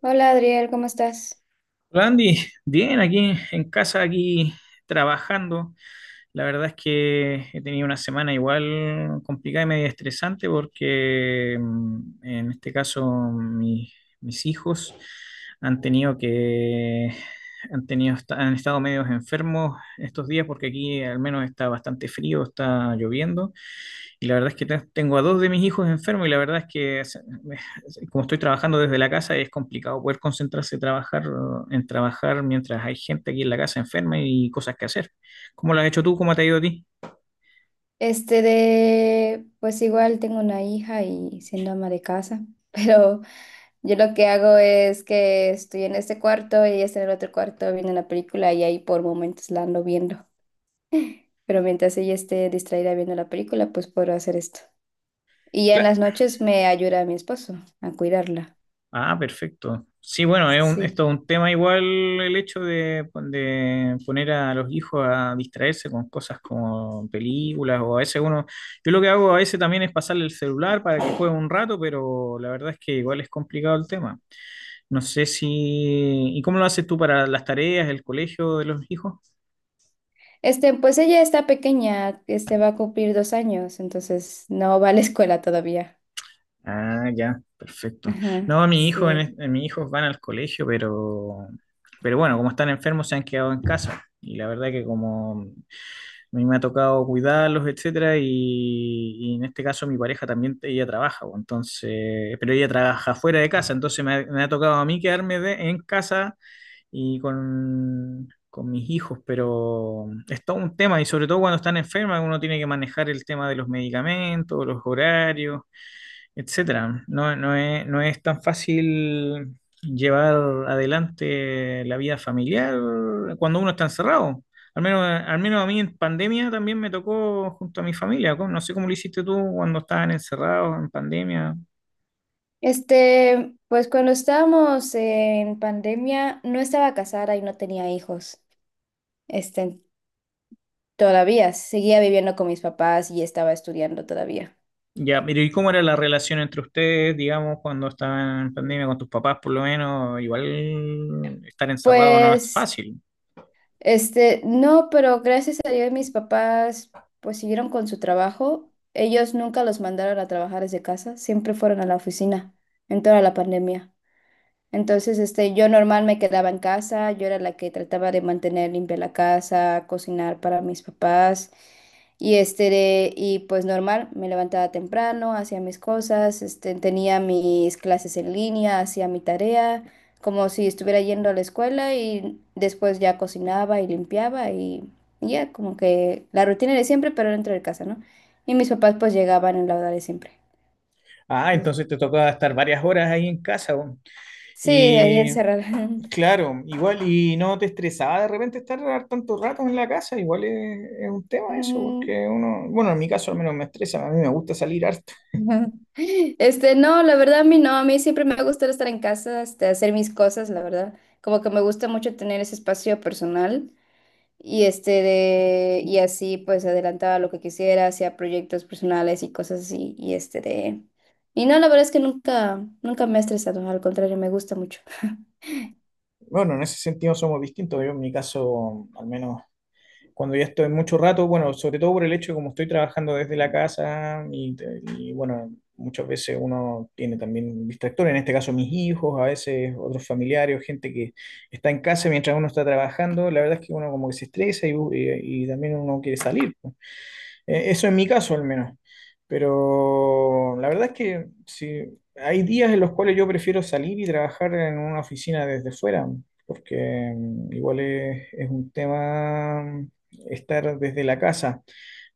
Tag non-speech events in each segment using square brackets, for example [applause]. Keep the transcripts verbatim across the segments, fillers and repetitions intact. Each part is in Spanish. Hola Adriel, ¿cómo estás? Hola, Andy, bien, aquí en casa, aquí trabajando. La verdad es que he tenido una semana igual complicada y medio estresante porque mm, en este caso mi- mis hijos han tenido que, han tenido, han estado medios enfermos estos días porque aquí al menos está bastante frío, está lloviendo. Y la verdad es que te- tengo a dos de mis hijos enfermos y la verdad es que se- me- como estoy trabajando desde la casa es complicado poder concentrarse trabajar, en trabajar mientras hay gente aquí en la casa enferma y cosas que hacer. ¿Cómo lo has hecho tú? ¿Cómo te ha ido a ti? Este de, pues igual tengo una hija y siendo ama de casa, [laughs] pero yo lo que hago es que estoy en este cuarto y ella está en el otro cuarto viendo la película y ahí por momentos la ando viendo. Pero mientras ella esté distraída viendo la película, pues puedo hacer esto. Y ya en Cla- las noches me ayuda a mi esposo a cuidarla. Ah, perfecto. Sí, bueno, es un, Sí. esto es un tema igual el hecho de, de poner a los hijos a distraerse con cosas como películas o a veces uno, yo lo que hago a veces también es pasarle el celular para que juegue un rato, pero la verdad es que igual es complicado el tema. No sé si. ¿Y cómo lo haces tú para las tareas, el colegio de los hijos? Este, pues ella está pequeña, este va a cumplir dos años, entonces no va a la [laughs] escuela todavía. Ah, ya, perfecto. Ajá, No, mi hijo, en, sí. es- mis hijos van al colegio, pero, pero bueno, como están enfermos se han quedado en casa. Y la verdad que como a mí me ha tocado cuidarlos, etcétera, y, y en este caso mi pareja también, ella trabaja, pues, entonces, pero ella trabaja fuera de casa, entonces me ha, me ha tocado a mí quedarme de- en casa y con, con mis hijos, pero es todo un tema y sobre todo cuando están enfermas uno tiene que manejar el tema de los medicamentos, los horarios, etcétera. No, no es, no es tan fácil llevar adelante la vida familiar cuando uno está encerrado. Al menos, al menos a mí en pandemia también me tocó junto a mi familia. ¿Cómo? No sé cómo lo hiciste tú cuando estaban encerrados en pandemia. Este, pues cuando estábamos en pandemia, no estaba casada y no tenía hijos. Este, Todavía seguía viviendo con mis papás y estaba estudiando todavía. Ya, pero ¿y cómo era la relación entre ustedes, digamos, cuando estaban en pandemia con tus papás, por lo menos? Igual estar encerrado no es Pues, fácil. este, no, pero gracias a Dios mis papás pues siguieron con su trabajo. Ellos nunca los mandaron a trabajar desde casa, siempre fueron a la oficina en toda la pandemia. Entonces, este, yo normal me quedaba en casa, yo era la que trataba de mantener limpia la casa, cocinar para mis papás. Y este, de- y pues normal, me levantaba temprano, hacía mis cosas, este, tenía mis clases en línea, hacía mi tarea, como si estuviera yendo a la escuela y después ya cocinaba y limpiaba, y, y ya como que la rutina de siempre, pero dentro de casa, ¿no? Y mis papás pues llegaban en la hora de siempre. Ah, Entonces. entonces te tocaba estar varias horas ahí en casa. Weón. Sí, ahí Y encerrada. claro, igual, y no te estresaba de repente estar tanto rato en la casa, igual es, es un tema eso, porque [laughs] uno, bueno, en mi caso al menos me estresa, a mí me gusta salir harto. [laughs] Ajá. Este, no, la verdad a mí no, a mí siempre me ha gustado estar en casa, este, hacer mis cosas, la verdad. Como que me gusta mucho tener ese espacio personal y este de y así pues adelantaba lo que quisiera, hacía proyectos personales y cosas así y este de y no, la verdad es que nunca nunca me ha estresado, al contrario, me gusta mucho. Bueno, en ese sentido somos distintos, yo en mi caso al menos cuando ya estoy mucho rato, bueno, sobre todo por el hecho de como estoy trabajando desde la casa y, y, bueno, muchas veces uno tiene también distractores, en este caso mis hijos, a veces otros familiares, gente que está en casa mientras uno está trabajando, la verdad es que uno como que se estresa y, y- y también uno quiere salir, pues. Eh, eso en mi caso al menos. Pero la verdad es que sí, hay días en los cuales yo prefiero salir y trabajar en una oficina desde fuera, porque mm, igual es, es un tema mm, estar desde la casa.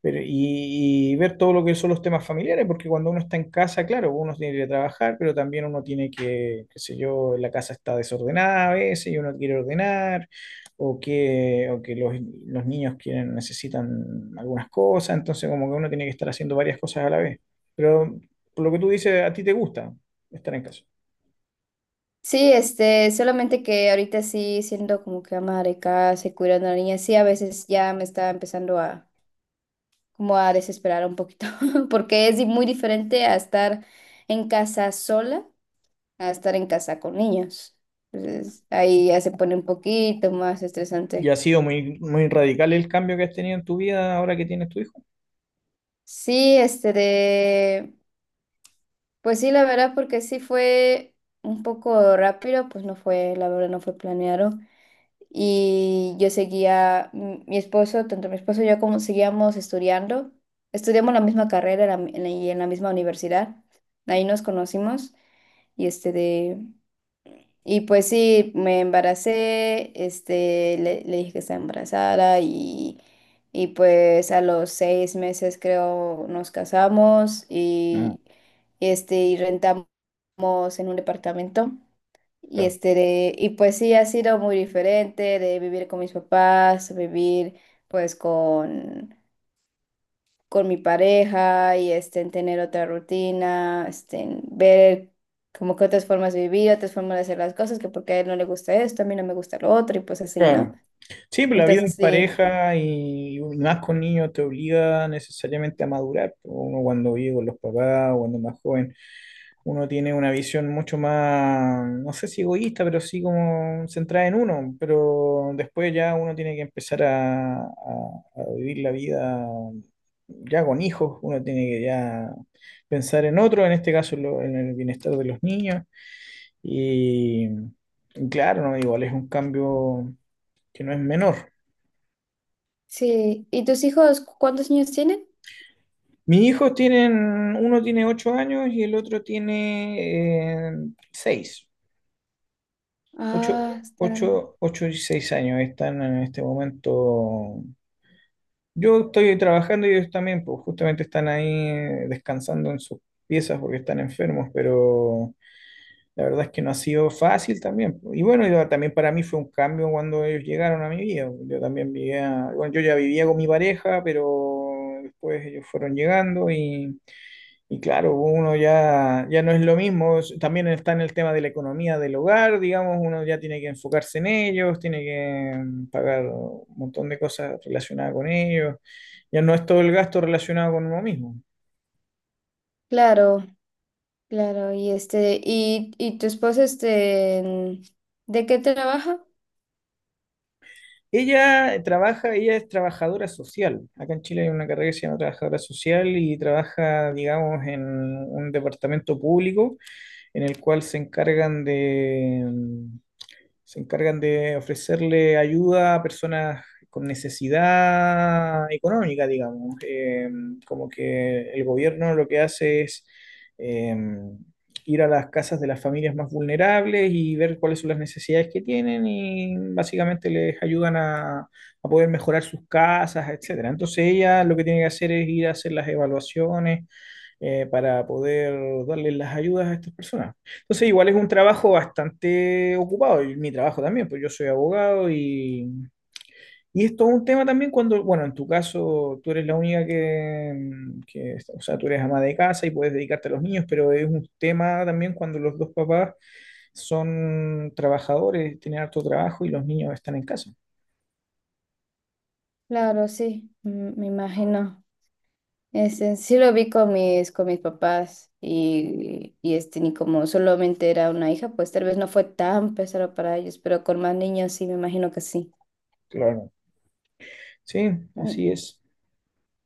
Pero, y, y ver todo lo que son los temas familiares, porque cuando uno está en casa, claro, uno tiene que ir a trabajar, pero también uno tiene que, qué sé yo, la casa está desordenada a veces y uno quiere ordenar, o que, o que los, los niños quieren, necesitan algunas cosas, entonces como que uno tiene que estar haciendo varias cosas a la vez. Pero por lo que tú dices, a ti te gusta estar en casa. Sí, este, solamente que ahorita sí siendo como que ama de casa y cuidando a la niña, sí a veces ya me está empezando a como a desesperar un poquito, [laughs] porque es di- muy diferente a estar en casa sola a estar en casa con niños. Entonces, ahí ya se pone un poquito más ¿Y ha estresante. sido muy, muy radical el cambio que has tenido en tu vida ahora que tienes tu hijo? Sí, este de, pues sí, la verdad, porque sí fue un poco rápido, pues no fue, la verdad, no fue planeado. Y yo seguía, mm, mi esposo, tanto mi esposo y yo como seguíamos estudiando, estudiamos la misma carrera en la mi- en la- y en la misma universidad, ahí nos conocimos. Y este de... Y pues sí, me embaracé, este, le, le dije que estaba embarazada, y, y pues a los seis meses creo nos casamos No, y, y, este, y rentamos en un departamento. Y claro. este de- y pues sí ha sido muy diferente de vivir con mis papás, vivir pues con con mi pareja y este, en tener otra rutina, este, en ver como que otras formas de vivir, otras formas de hacer las cosas, que porque a él no le gusta esto, a mí no me gusta lo otro y pues así, ¿no? Claro. Sí, pues la vida en Entonces sí, pareja y, más con niños te obliga necesariamente a madurar, pues. Uno cuando vive con los papás, o cuando es más joven, uno tiene una visión mucho más, no sé si egoísta, pero sí como centrada en uno. Pero después ya uno tiene que empezar a, a- a vivir la vida ya con hijos, uno tiene que ya pensar en otro, en este caso en, lo- en el bienestar de los niños. Y, y claro, no, igual es un cambio que no es menor. sí. ¿Y tus hijos cu- cuántos años tienen? Mis hijos tienen, uno tiene ocho años y el otro tiene eh, seis, Ah, ocho, están. ocho, ocho y seis años están en este momento. Yo estoy trabajando y ellos también, pues justamente están ahí eh, descansando en sus piezas porque están enfermos, pero la verdad es que no ha sido fácil también, pues. Y bueno, y también para mí fue un cambio cuando ellos llegaron a mi vida. Yo también vivía, bueno, yo ya vivía con mi pareja, pero después ellos fueron llegando y... Y claro, uno ya, ya no es lo mismo, es- también está en el tema de la economía del hogar, digamos, uno ya tiene que enfocarse en ellos, tiene que mm, pagar un montón de cosas relacionadas con ellos, ya no es todo el gasto relacionado con uno mismo. Claro, claro. Y este, y, y tu esposo, este, en- ¿de qué trabaja? Ella eh, trabaja, ella es trabajadora social, acá en Chile hay una carrera que se llama trabajadora social y trabaja, digamos, en un departamento público en el cual se encargan de... mm, se encargan de ofrecerle ayuda a personas con necesidad económica, digamos. Eh, como que el gobierno lo que hace es eh, ir a las casas de las familias más vulnerables y ver cuáles son las necesidades que tienen y básicamente les ayudan a, a poder mejorar sus casas, etcétera. Entonces ella lo que tiene que hacer es ir a hacer las evaluaciones eh, para poder darles las ayudas a estas personas. Entonces, igual es un trabajo bastante ocupado, y mi trabajo también, pues yo soy abogado y, y esto es un tema también cuando, bueno, en tu caso tú eres la única que, que, o sea, tú eres ama de casa y puedes dedicarte a los niños, pero es un tema también cuando los dos papás son trabajadores, tienen harto trabajo y los niños están en casa. Claro, sí, mm, me imagino. Este, sí lo vi con mis, con mis papás y, y este, ni como solamente era una hija, pues tal vez no fue tan pesado para ellos, pero con más niños sí, me imagino que sí. Claro. Sí, Mm. así es.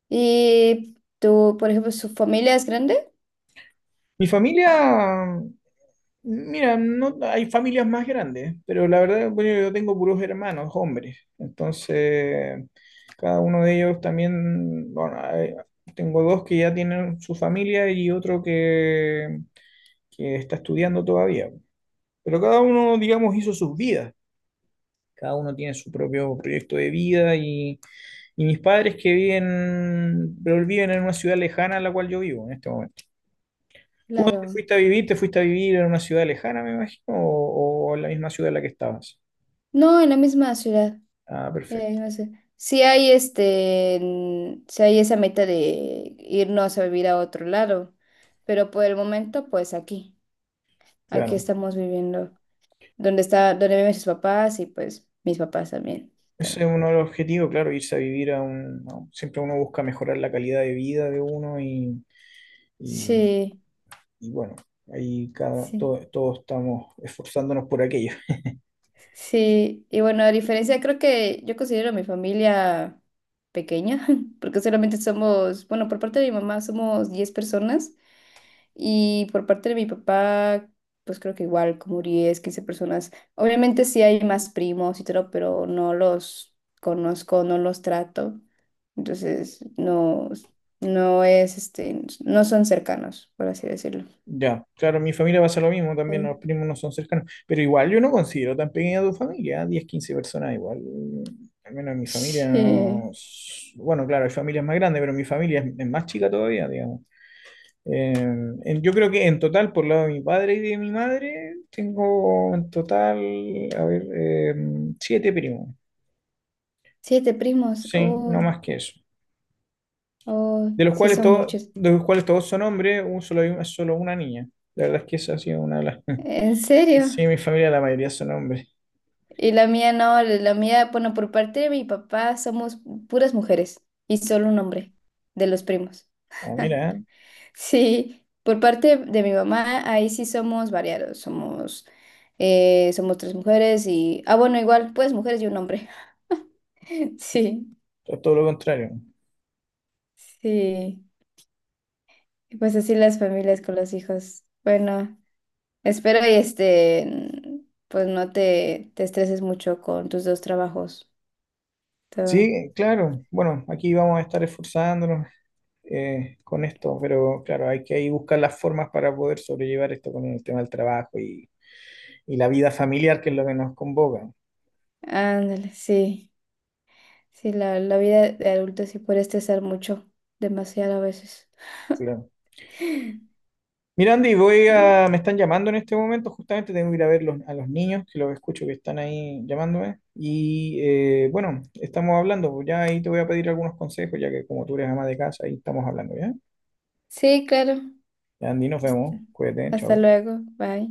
¿Y tú, por ejemplo, su familia es grande? Mi familia Mira, no, hay familias más grandes, pero la verdad, bueno, yo tengo puros hermanos, hombres. Entonces, cada uno de ellos también, bueno, hay- tengo dos que ya tienen su familia y otro que, que está estudiando todavía. Pero cada uno, digamos, hizo sus vidas. Cada uno tiene su propio proyecto de vida y, y mis padres que viven, pero viven en una ciudad lejana a la cual yo vivo en este momento. ¿Tú Claro. dónde fuiste a vivir? ¿Te fuiste a vivir en una ciudad lejana, me imagino? ¿O, o en la misma ciudad en la que estabas? No, en la misma ciudad. Ah, Eh, perfecto, No sé. Si hay este, mm, sí hay esa meta de irnos a vivir a otro lado, pero por el momento, pues aquí, aquí claro. estamos viviendo, donde está, donde viven sus papás y pues mis papás también. Ese es uno de los objetivos, claro, irse a vivir a un... a un- siempre uno busca mejorar la calidad de vida de uno y, y- Sí, y bueno, ahí cada, sí, to- todos estamos esforzándonos por aquello. sí. Y bueno, a diferencia, creo que yo considero a mi familia pequeña, [laughs] porque solamente somos, bueno, por parte de mi mamá somos diez personas y por parte de mi papá, pues creo que igual, como diez quince personas. Obviamente sí hay más primos y todo, pero no los conozco, no los trato. Entonces, no, no es, este, no son cercanos, por así decirlo. Ya, claro, mi familia pasa lo mismo también, Mm. los primos no son cercanos, pero igual yo no considero tan pequeña tu familia, diez quince personas igual, al menos en mi familia Sí. no, s- bueno, claro, hay familias más grandes, pero mi familia es, es más chica todavía, digamos. Eh, en- yo creo que en total, por lado de mi padre y de mi madre, tengo en total, a ver, eh, siete primos, Siete primos. sí, no Oh. más que eso, Oh, de los sí cuales, son todos muchos. de los cuales todos son hombres, un solo, hay un- solo una niña, la verdad es que esa ha sido una de las. ¿En serio? Sí, mi familia, la mayoría son hombres. Y la mía no, la mía, bueno, por parte de mi papá somos puras mujeres y solo un hombre de los primos. Ah, [laughs] mira, ¿eh? Sí, por parte de mi mamá, ahí sí somos variados, somos, eh, somos tres mujeres y, ah, bueno, igual, pues mujeres y un hombre. [laughs] Sí, Es todo lo contrario. sí, y pues así las familias con los hijos. Bueno, espero y este, pues no te, te estreses mucho con tus dos trabajos. Sí, claro. Bueno, aquí vamos a estar esforzándonos eh, con esto, pero claro, hay que ahí buscar las formas para poder sobrellevar esto con el tema del trabajo y, y la vida familiar, que es lo que nos convoca. Ándale, sí. Sí, la, la vida de adulto sí puede estresar mucho, demasiado a veces. [gasps] Claro. [laughs] Mira, Andy, voy Sí, a, me están llamando en este momento, justamente tengo que ir a ver los- a los niños, que los escucho que están ahí llamándome. Y eh, bueno, estamos hablando, pues ya ahí te voy a pedir algunos consejos, ya que como tú eres ama de casa, ahí estamos hablando, ¿ya? sí, claro. Ya, Andy, nos Hasta vemos. Cuídate, hasta chao. luego. Bye.